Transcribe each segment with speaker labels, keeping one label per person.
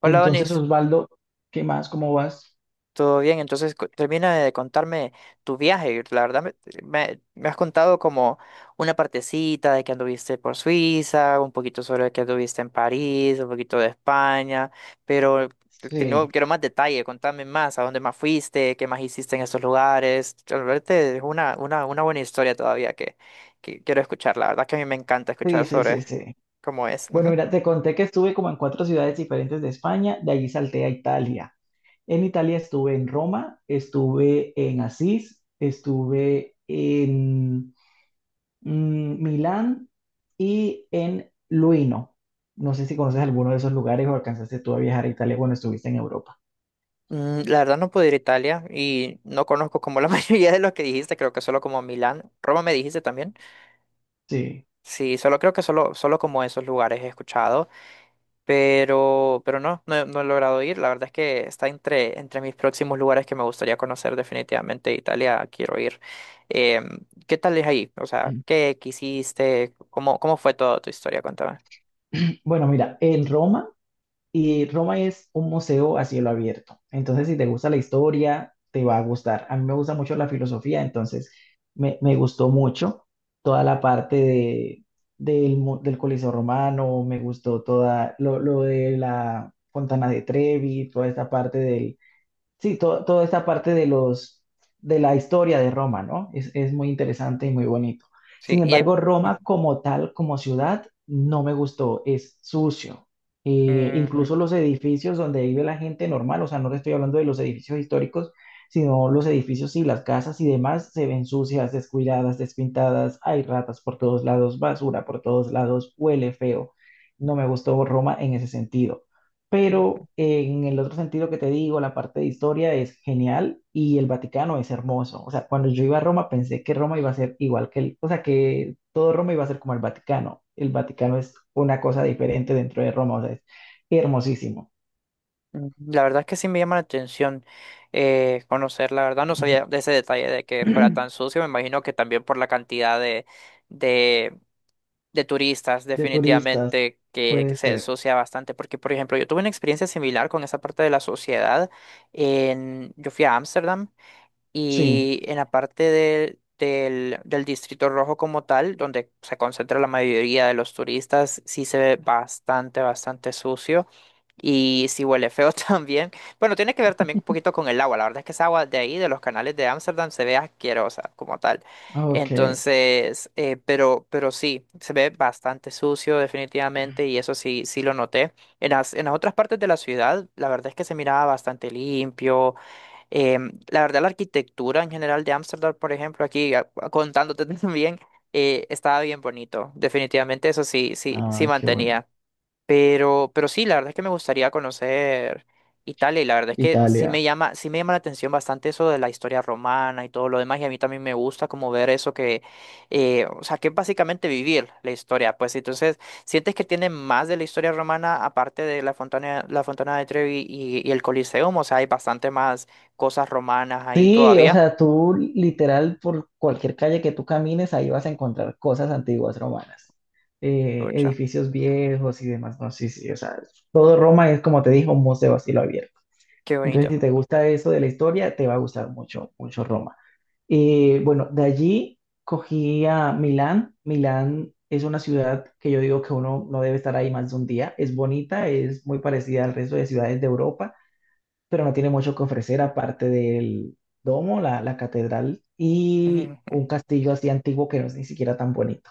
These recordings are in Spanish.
Speaker 1: Hola,
Speaker 2: Entonces,
Speaker 1: Donis.
Speaker 2: Osvaldo, ¿qué más? ¿Cómo vas?
Speaker 1: ¿Todo bien? Entonces, termina de contarme tu viaje. La verdad, me has contado como una partecita de que anduviste por Suiza, un poquito sobre que anduviste en París, un poquito de España, pero
Speaker 2: Sí,
Speaker 1: quiero más detalle. Contame más, a dónde más fuiste, qué más hiciste en esos lugares. Realmente es una buena historia todavía que quiero escuchar. La verdad que a mí me encanta escuchar
Speaker 2: sí, sí,
Speaker 1: sobre
Speaker 2: sí, sí.
Speaker 1: cómo es.
Speaker 2: Bueno, mira, te conté que estuve como en cuatro ciudades diferentes de España, de allí salté a Italia. En Italia estuve en Roma, estuve en Asís, estuve en Milán y en Luino. No sé si conoces alguno de esos lugares o alcanzaste tú a viajar a Italia cuando estuviste en Europa.
Speaker 1: La verdad no pude ir a Italia y no conozco como la mayoría de los que dijiste, creo que solo como Milán, Roma me dijiste también.
Speaker 2: Sí.
Speaker 1: Sí, solo creo que solo como esos lugares he escuchado, pero no, no he logrado ir. La verdad es que está entre mis próximos lugares que me gustaría conocer definitivamente. Italia quiero ir. ¿Qué tal es ahí? O sea, ¿qué quisiste? Cómo fue toda tu historia? Cuéntame.
Speaker 2: Bueno, mira, en Roma, y Roma es un museo a cielo abierto. Entonces, si te gusta la historia, te va a gustar. A mí me gusta mucho la filosofía, entonces me gustó mucho toda la parte del Coliseo Romano, me gustó toda lo de la Fontana de Trevi, toda esta parte sí, toda esta parte de la historia de Roma, ¿no? Es muy interesante y muy bonito.
Speaker 1: Sí,
Speaker 2: Sin
Speaker 1: y hay.
Speaker 2: embargo, Roma como tal, como ciudad, no me gustó, es sucio. Incluso los edificios donde vive la gente normal, o sea, no te estoy hablando de los edificios históricos, sino los edificios y las casas y demás se ven sucias, descuidadas, despintadas, hay ratas por todos lados, basura por todos lados, huele feo. No me gustó Roma en ese sentido.
Speaker 1: Ujú.
Speaker 2: Pero en el otro sentido que te digo, la parte de historia es genial y el Vaticano es hermoso. O sea, cuando yo iba a Roma pensé que Roma iba a ser igual que el, o sea, que todo Roma iba a ser como el Vaticano. El Vaticano es una cosa diferente dentro de Roma, o sea, es hermosísimo.
Speaker 1: La verdad es que sí me llama la atención conocer, la verdad no sabía de ese detalle de que fuera tan sucio, me imagino que también por la cantidad de, de turistas
Speaker 2: De turistas,
Speaker 1: definitivamente que
Speaker 2: puede
Speaker 1: se
Speaker 2: ser.
Speaker 1: asocia bastante, porque por ejemplo yo tuve una experiencia similar con esa parte de la sociedad, en, yo fui a Ámsterdam
Speaker 2: Sí,
Speaker 1: y en la parte del Distrito Rojo como tal, donde se concentra la mayoría de los turistas, sí se ve bastante sucio y sí huele feo también. Bueno, tiene que ver también un poquito con el agua. La verdad es que esa agua de ahí, de los canales de Ámsterdam, se ve asquerosa como tal.
Speaker 2: ok.
Speaker 1: Entonces, pero sí, se ve bastante sucio definitivamente y eso sí, sí lo noté. En las otras partes de la ciudad, la verdad es que se miraba bastante limpio. La verdad, la arquitectura en general de Ámsterdam, por ejemplo, aquí contándote también, estaba bien bonito. Definitivamente eso sí, sí
Speaker 2: Ah, qué bueno.
Speaker 1: mantenía. Pero sí, la verdad es que me gustaría conocer Italia y la verdad es que
Speaker 2: Italia.
Speaker 1: sí me llama la atención bastante eso de la historia romana y todo lo demás y a mí también me gusta como ver eso que, o sea, que es básicamente vivir la historia, pues entonces, ¿sientes que tiene más de la historia romana aparte de la Fontana de Trevi y el Coliseum? O sea, hay bastante más cosas romanas ahí
Speaker 2: Sí, o
Speaker 1: todavía.
Speaker 2: sea, tú literal por cualquier calle que tú camines, ahí vas a encontrar cosas antiguas romanas,
Speaker 1: Pucha,
Speaker 2: edificios viejos y demás. No, sí, sí, o sea, todo Roma es como te dijo, un museo a cielo abierto.
Speaker 1: qué
Speaker 2: Entonces,
Speaker 1: bonito.
Speaker 2: si te gusta eso de la historia, te va a gustar mucho, mucho Roma. Bueno, de allí cogí a Milán. Milán es una ciudad que yo digo que uno no debe estar ahí más de un día. Es bonita, es muy parecida al resto de ciudades de Europa pero no tiene mucho que ofrecer aparte del domo, la catedral y un castillo así antiguo que no es ni siquiera tan bonito.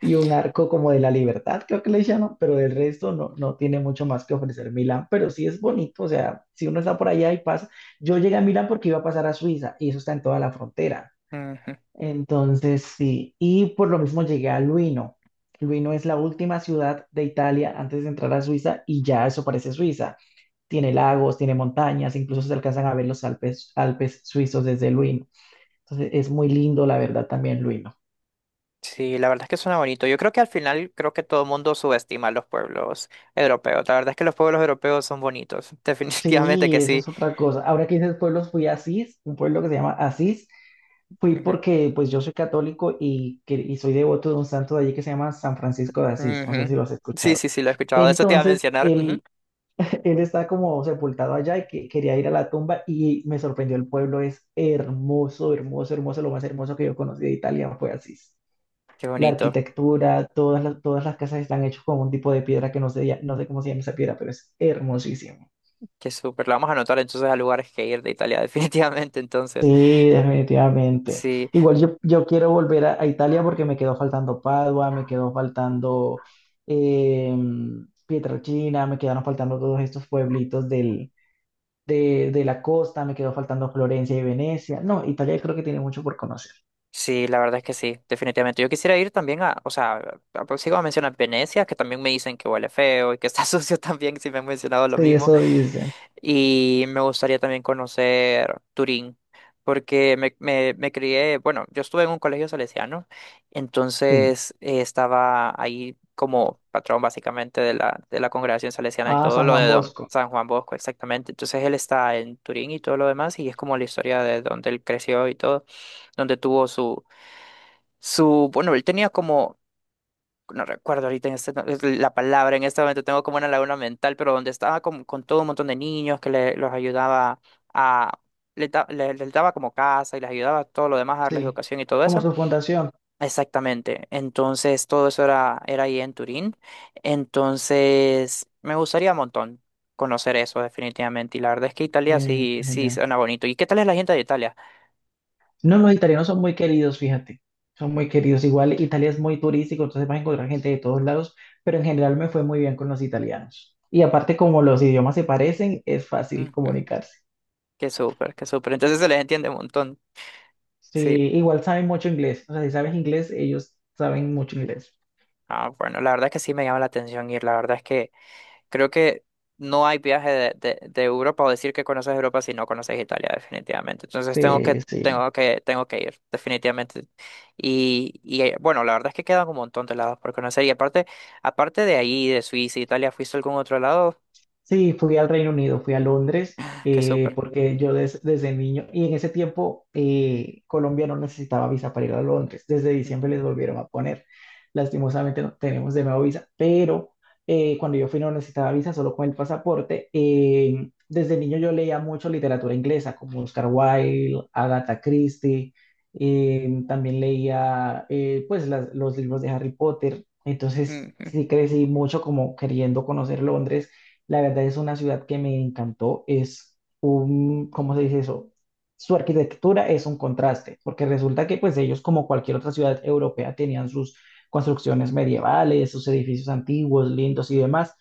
Speaker 2: Y un arco como de la libertad, creo que le llaman, pero del resto no, no tiene mucho más que ofrecer Milán, pero sí es bonito, o sea, si uno está por allá y pasa, yo llegué a Milán porque iba a pasar a Suiza y eso está en toda la frontera. Entonces, sí, y por lo mismo llegué a Luino. Luino es la última ciudad de Italia antes de entrar a Suiza y ya eso parece Suiza, tiene lagos, tiene montañas, incluso se alcanzan a ver los Alpes, Alpes suizos desde Luino. Entonces es muy lindo, la verdad, también Luino.
Speaker 1: Sí, la verdad es que suena bonito. Yo creo que al final creo que todo el mundo subestima a los pueblos europeos. La verdad es que los pueblos europeos son bonitos. Definitivamente que
Speaker 2: Sí, eso
Speaker 1: sí.
Speaker 2: es otra cosa. Ahora que dices pueblos, fui a Asís, un pueblo que se llama Asís. Fui
Speaker 1: Ujú,
Speaker 2: porque pues yo soy católico y, y soy devoto de un santo de allí que se llama San Francisco de Asís. No sé
Speaker 1: ujú.
Speaker 2: si lo has
Speaker 1: Sí,
Speaker 2: escuchado.
Speaker 1: sí, sí, lo he escuchado. Eso te iba a
Speaker 2: Entonces,
Speaker 1: mencionar. Ujú.
Speaker 2: él, él está como sepultado allá quería ir a la tumba y me sorprendió el pueblo. Es hermoso, hermoso, hermoso. Lo más hermoso que yo conocí de Italia fue Asís.
Speaker 1: Qué
Speaker 2: La
Speaker 1: bonito.
Speaker 2: arquitectura, todas las casas están hechas con un tipo de piedra que no sé, no sé cómo se llama esa piedra, pero es hermosísimo.
Speaker 1: Qué súper. Lo vamos a anotar entonces a lugares que ir de Italia, definitivamente. Entonces,
Speaker 2: Sí, definitivamente.
Speaker 1: sí,
Speaker 2: Igual yo quiero volver a Italia porque me quedó faltando Padua, me quedó faltando eh, Pietrelcina, me quedaron faltando todos estos pueblitos de la costa, me quedó faltando Florencia y Venecia. No, Italia creo que tiene mucho por conocer.
Speaker 1: sí, la verdad es que sí, definitivamente. Yo quisiera ir también a, o sea, sigo a mencionar Venecia, que también me dicen que huele feo y que está sucio también, si me han mencionado lo
Speaker 2: Sí,
Speaker 1: mismo.
Speaker 2: eso dicen.
Speaker 1: Y me gustaría también conocer Turín, porque me crié, bueno, yo estuve en un colegio salesiano,
Speaker 2: Sí.
Speaker 1: entonces estaba ahí como patrón básicamente de la congregación salesiana y
Speaker 2: Ah,
Speaker 1: todo
Speaker 2: San
Speaker 1: lo de
Speaker 2: Juan
Speaker 1: don
Speaker 2: Bosco.
Speaker 1: San Juan Bosco, exactamente. Entonces él está en Turín y todo lo demás, y es como la historia de donde él creció y todo, donde tuvo bueno, él tenía como no recuerdo ahorita en es la palabra, en este momento tengo como una laguna mental, pero donde estaba con todo un montón de niños que le, los ayudaba a, les daba como casa y les ayudaba todo lo demás a darles
Speaker 2: Sí.
Speaker 1: educación y todo
Speaker 2: Como
Speaker 1: eso.
Speaker 2: su fundación.
Speaker 1: Exactamente, entonces todo eso era ahí en Turín, entonces me gustaría un montón conocer eso definitivamente y la verdad es que Italia
Speaker 2: Sí,
Speaker 1: sí,
Speaker 2: qué
Speaker 1: sí
Speaker 2: genial.
Speaker 1: suena bonito. ¿Y qué tal es la gente de Italia?
Speaker 2: No, los italianos son muy queridos, fíjate. Son muy queridos. Igual Italia es muy turístico, entonces vas a encontrar gente de todos lados, pero en general me fue muy bien con los italianos. Y aparte, como los idiomas se parecen, es fácil
Speaker 1: Ujú,
Speaker 2: comunicarse.
Speaker 1: qué súper, qué súper, entonces se les entiende un montón,
Speaker 2: Sí,
Speaker 1: sí.
Speaker 2: igual saben mucho inglés. O sea, si sabes inglés, ellos saben mucho inglés.
Speaker 1: Ah, bueno, la verdad es que sí me llama la atención ir. La verdad es que creo que no hay viaje de Europa o decir que conoces Europa si no conoces Italia, definitivamente. Entonces
Speaker 2: Sí, sí.
Speaker 1: tengo que ir, definitivamente. Y bueno, la verdad es que quedan un montón de lados por conocer. Aparte de ahí, de Suiza, Italia, ¿fuiste a algún otro lado?
Speaker 2: Sí, fui al Reino Unido, fui a Londres,
Speaker 1: Qué súper.
Speaker 2: porque yo desde niño, y en ese tiempo Colombia no necesitaba visa para ir a Londres, desde diciembre
Speaker 1: Ujú,
Speaker 2: les volvieron a poner, lastimosamente no tenemos de nuevo visa, pero cuando yo fui no necesitaba visa, solo con el pasaporte. Desde niño yo leía mucho literatura inglesa, como Oscar Wilde, Agatha Christie, también leía pues los libros de Harry Potter, entonces
Speaker 1: ujú,
Speaker 2: sí crecí mucho como queriendo conocer Londres, la verdad es una ciudad que me encantó. Es un, ¿cómo se dice eso? Su arquitectura es un contraste, porque resulta que pues ellos, como cualquier otra ciudad europea, tenían sus construcciones medievales, sus edificios antiguos, lindos y demás,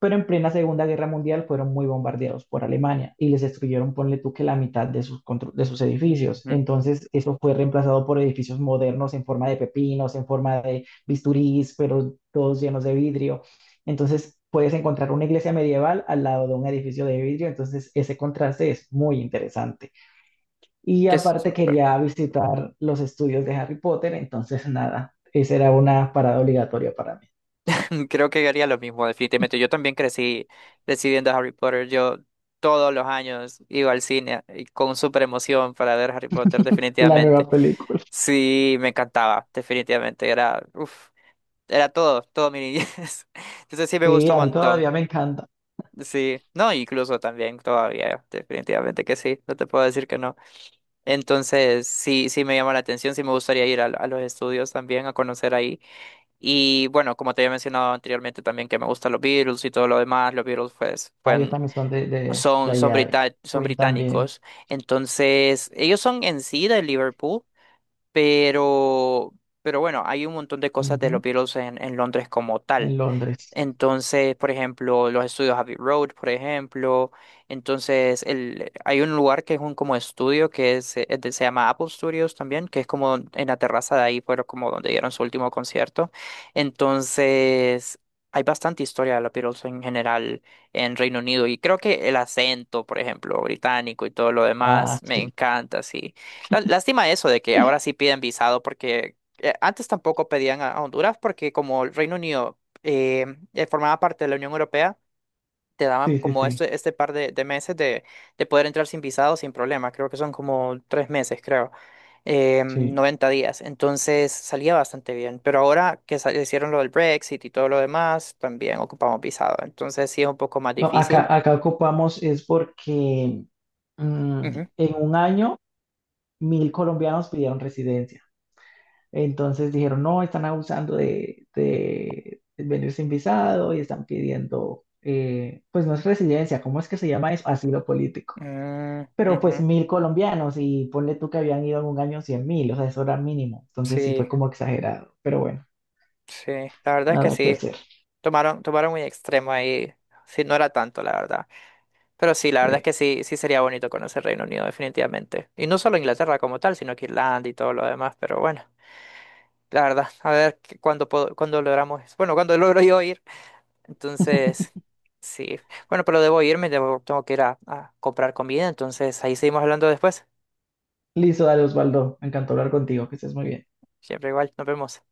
Speaker 2: pero en plena Segunda Guerra Mundial fueron muy bombardeados por Alemania y les destruyeron, ponle tú, que la mitad de sus, de sus edificios.
Speaker 1: ujú.
Speaker 2: Entonces eso fue reemplazado por edificios modernos en forma de pepinos, en forma de bisturís, pero todos llenos de vidrio. Entonces puedes encontrar una iglesia medieval al lado de un edificio de vidrio, entonces ese contraste es muy interesante. Y
Speaker 1: Qué
Speaker 2: aparte
Speaker 1: súper.
Speaker 2: quería visitar los estudios de Harry Potter, entonces nada, esa era una parada obligatoria para mí.
Speaker 1: Creo que haría lo mismo, definitivamente. Yo también crecí viendo Harry Potter. Yo todos los años iba al cine y con súper emoción para ver Harry Potter,
Speaker 2: La nueva
Speaker 1: definitivamente.
Speaker 2: película.
Speaker 1: Sí, me encantaba, definitivamente. Era, uf, era todo mi niñez. Entonces sí me
Speaker 2: Sí,
Speaker 1: gustó un
Speaker 2: a mí
Speaker 1: montón.
Speaker 2: todavía me encanta.
Speaker 1: Sí, no, incluso también todavía, definitivamente que sí, no te puedo decir que no. Entonces sí, sí me llama la atención, sí me gustaría ir a los estudios también a conocer ahí. Y bueno, como te había mencionado anteriormente también que me gustan los Beatles y todo lo demás, los Beatles pues,
Speaker 2: Ah, ellos también son de allá, y
Speaker 1: son
Speaker 2: Queen también,
Speaker 1: británicos, entonces ellos son en sí de Liverpool, pero, pero bueno, hay un montón de cosas de los
Speaker 2: ujú,
Speaker 1: Beatles en Londres como tal.
Speaker 2: en Londres.
Speaker 1: Entonces, por ejemplo, los estudios Abbey Road, por ejemplo. Entonces, hay un lugar que es un como estudio que es, se llama Apple Studios también, que es como en la terraza de ahí, pero como donde dieron su último concierto. Entonces, hay bastante historia de los Beatles en general en Reino Unido y creo que el acento, por ejemplo, británico y todo lo
Speaker 2: Ah,
Speaker 1: demás, me
Speaker 2: sí,
Speaker 1: encanta, sí. Lástima eso de que ahora sí piden visado porque antes tampoco pedían a Honduras porque como el Reino Unido eh, formaba parte de la Unión Europea, te daban
Speaker 2: sí, sí,
Speaker 1: como
Speaker 2: sí,
Speaker 1: este par de meses de poder entrar sin visado, sin problema. Creo que son como tres meses, creo.
Speaker 2: sí.
Speaker 1: 90 días. Entonces salía bastante bien. Pero ahora que hicieron lo del Brexit y todo lo demás, también ocupamos visado. Entonces sí es un poco más
Speaker 2: No,
Speaker 1: difícil.
Speaker 2: acá, acá ocupamos es porque mm,
Speaker 1: Ujú.
Speaker 2: en un año 1.000 colombianos pidieron residencia. Entonces dijeron, no, están abusando de venir sin visado y están pidiendo, pues no es residencia, ¿cómo es que se llama eso? Asilo político.
Speaker 1: Mm,
Speaker 2: Pero pues
Speaker 1: Ujú.
Speaker 2: 1.000 colombianos y ponle tú que habían ido en un año 100.000, o sea, eso era mínimo. Entonces sí fue
Speaker 1: Sí,
Speaker 2: como exagerado, pero bueno,
Speaker 1: sí. La verdad es que
Speaker 2: nada que
Speaker 1: sí.
Speaker 2: hacer.
Speaker 1: Tomaron, tomaron muy extremo ahí. Sí, no era tanto, la verdad. Pero sí, la verdad es
Speaker 2: Sí.
Speaker 1: que sí, sí sería bonito conocer Reino Unido, definitivamente. Y no solo Inglaterra como tal, sino que Irlanda y todo lo demás. Pero bueno, la verdad, a ver cuándo puedo, cuándo logramos eso. Bueno, cuándo logro yo ir. Entonces, sí. Bueno, pero debo irme, debo, tengo que ir a comprar comida. Entonces, ahí seguimos hablando después.
Speaker 2: Listo, dale Osvaldo, me encantó hablar contigo, que estés muy bien.
Speaker 1: Siempre igual, nos vemos.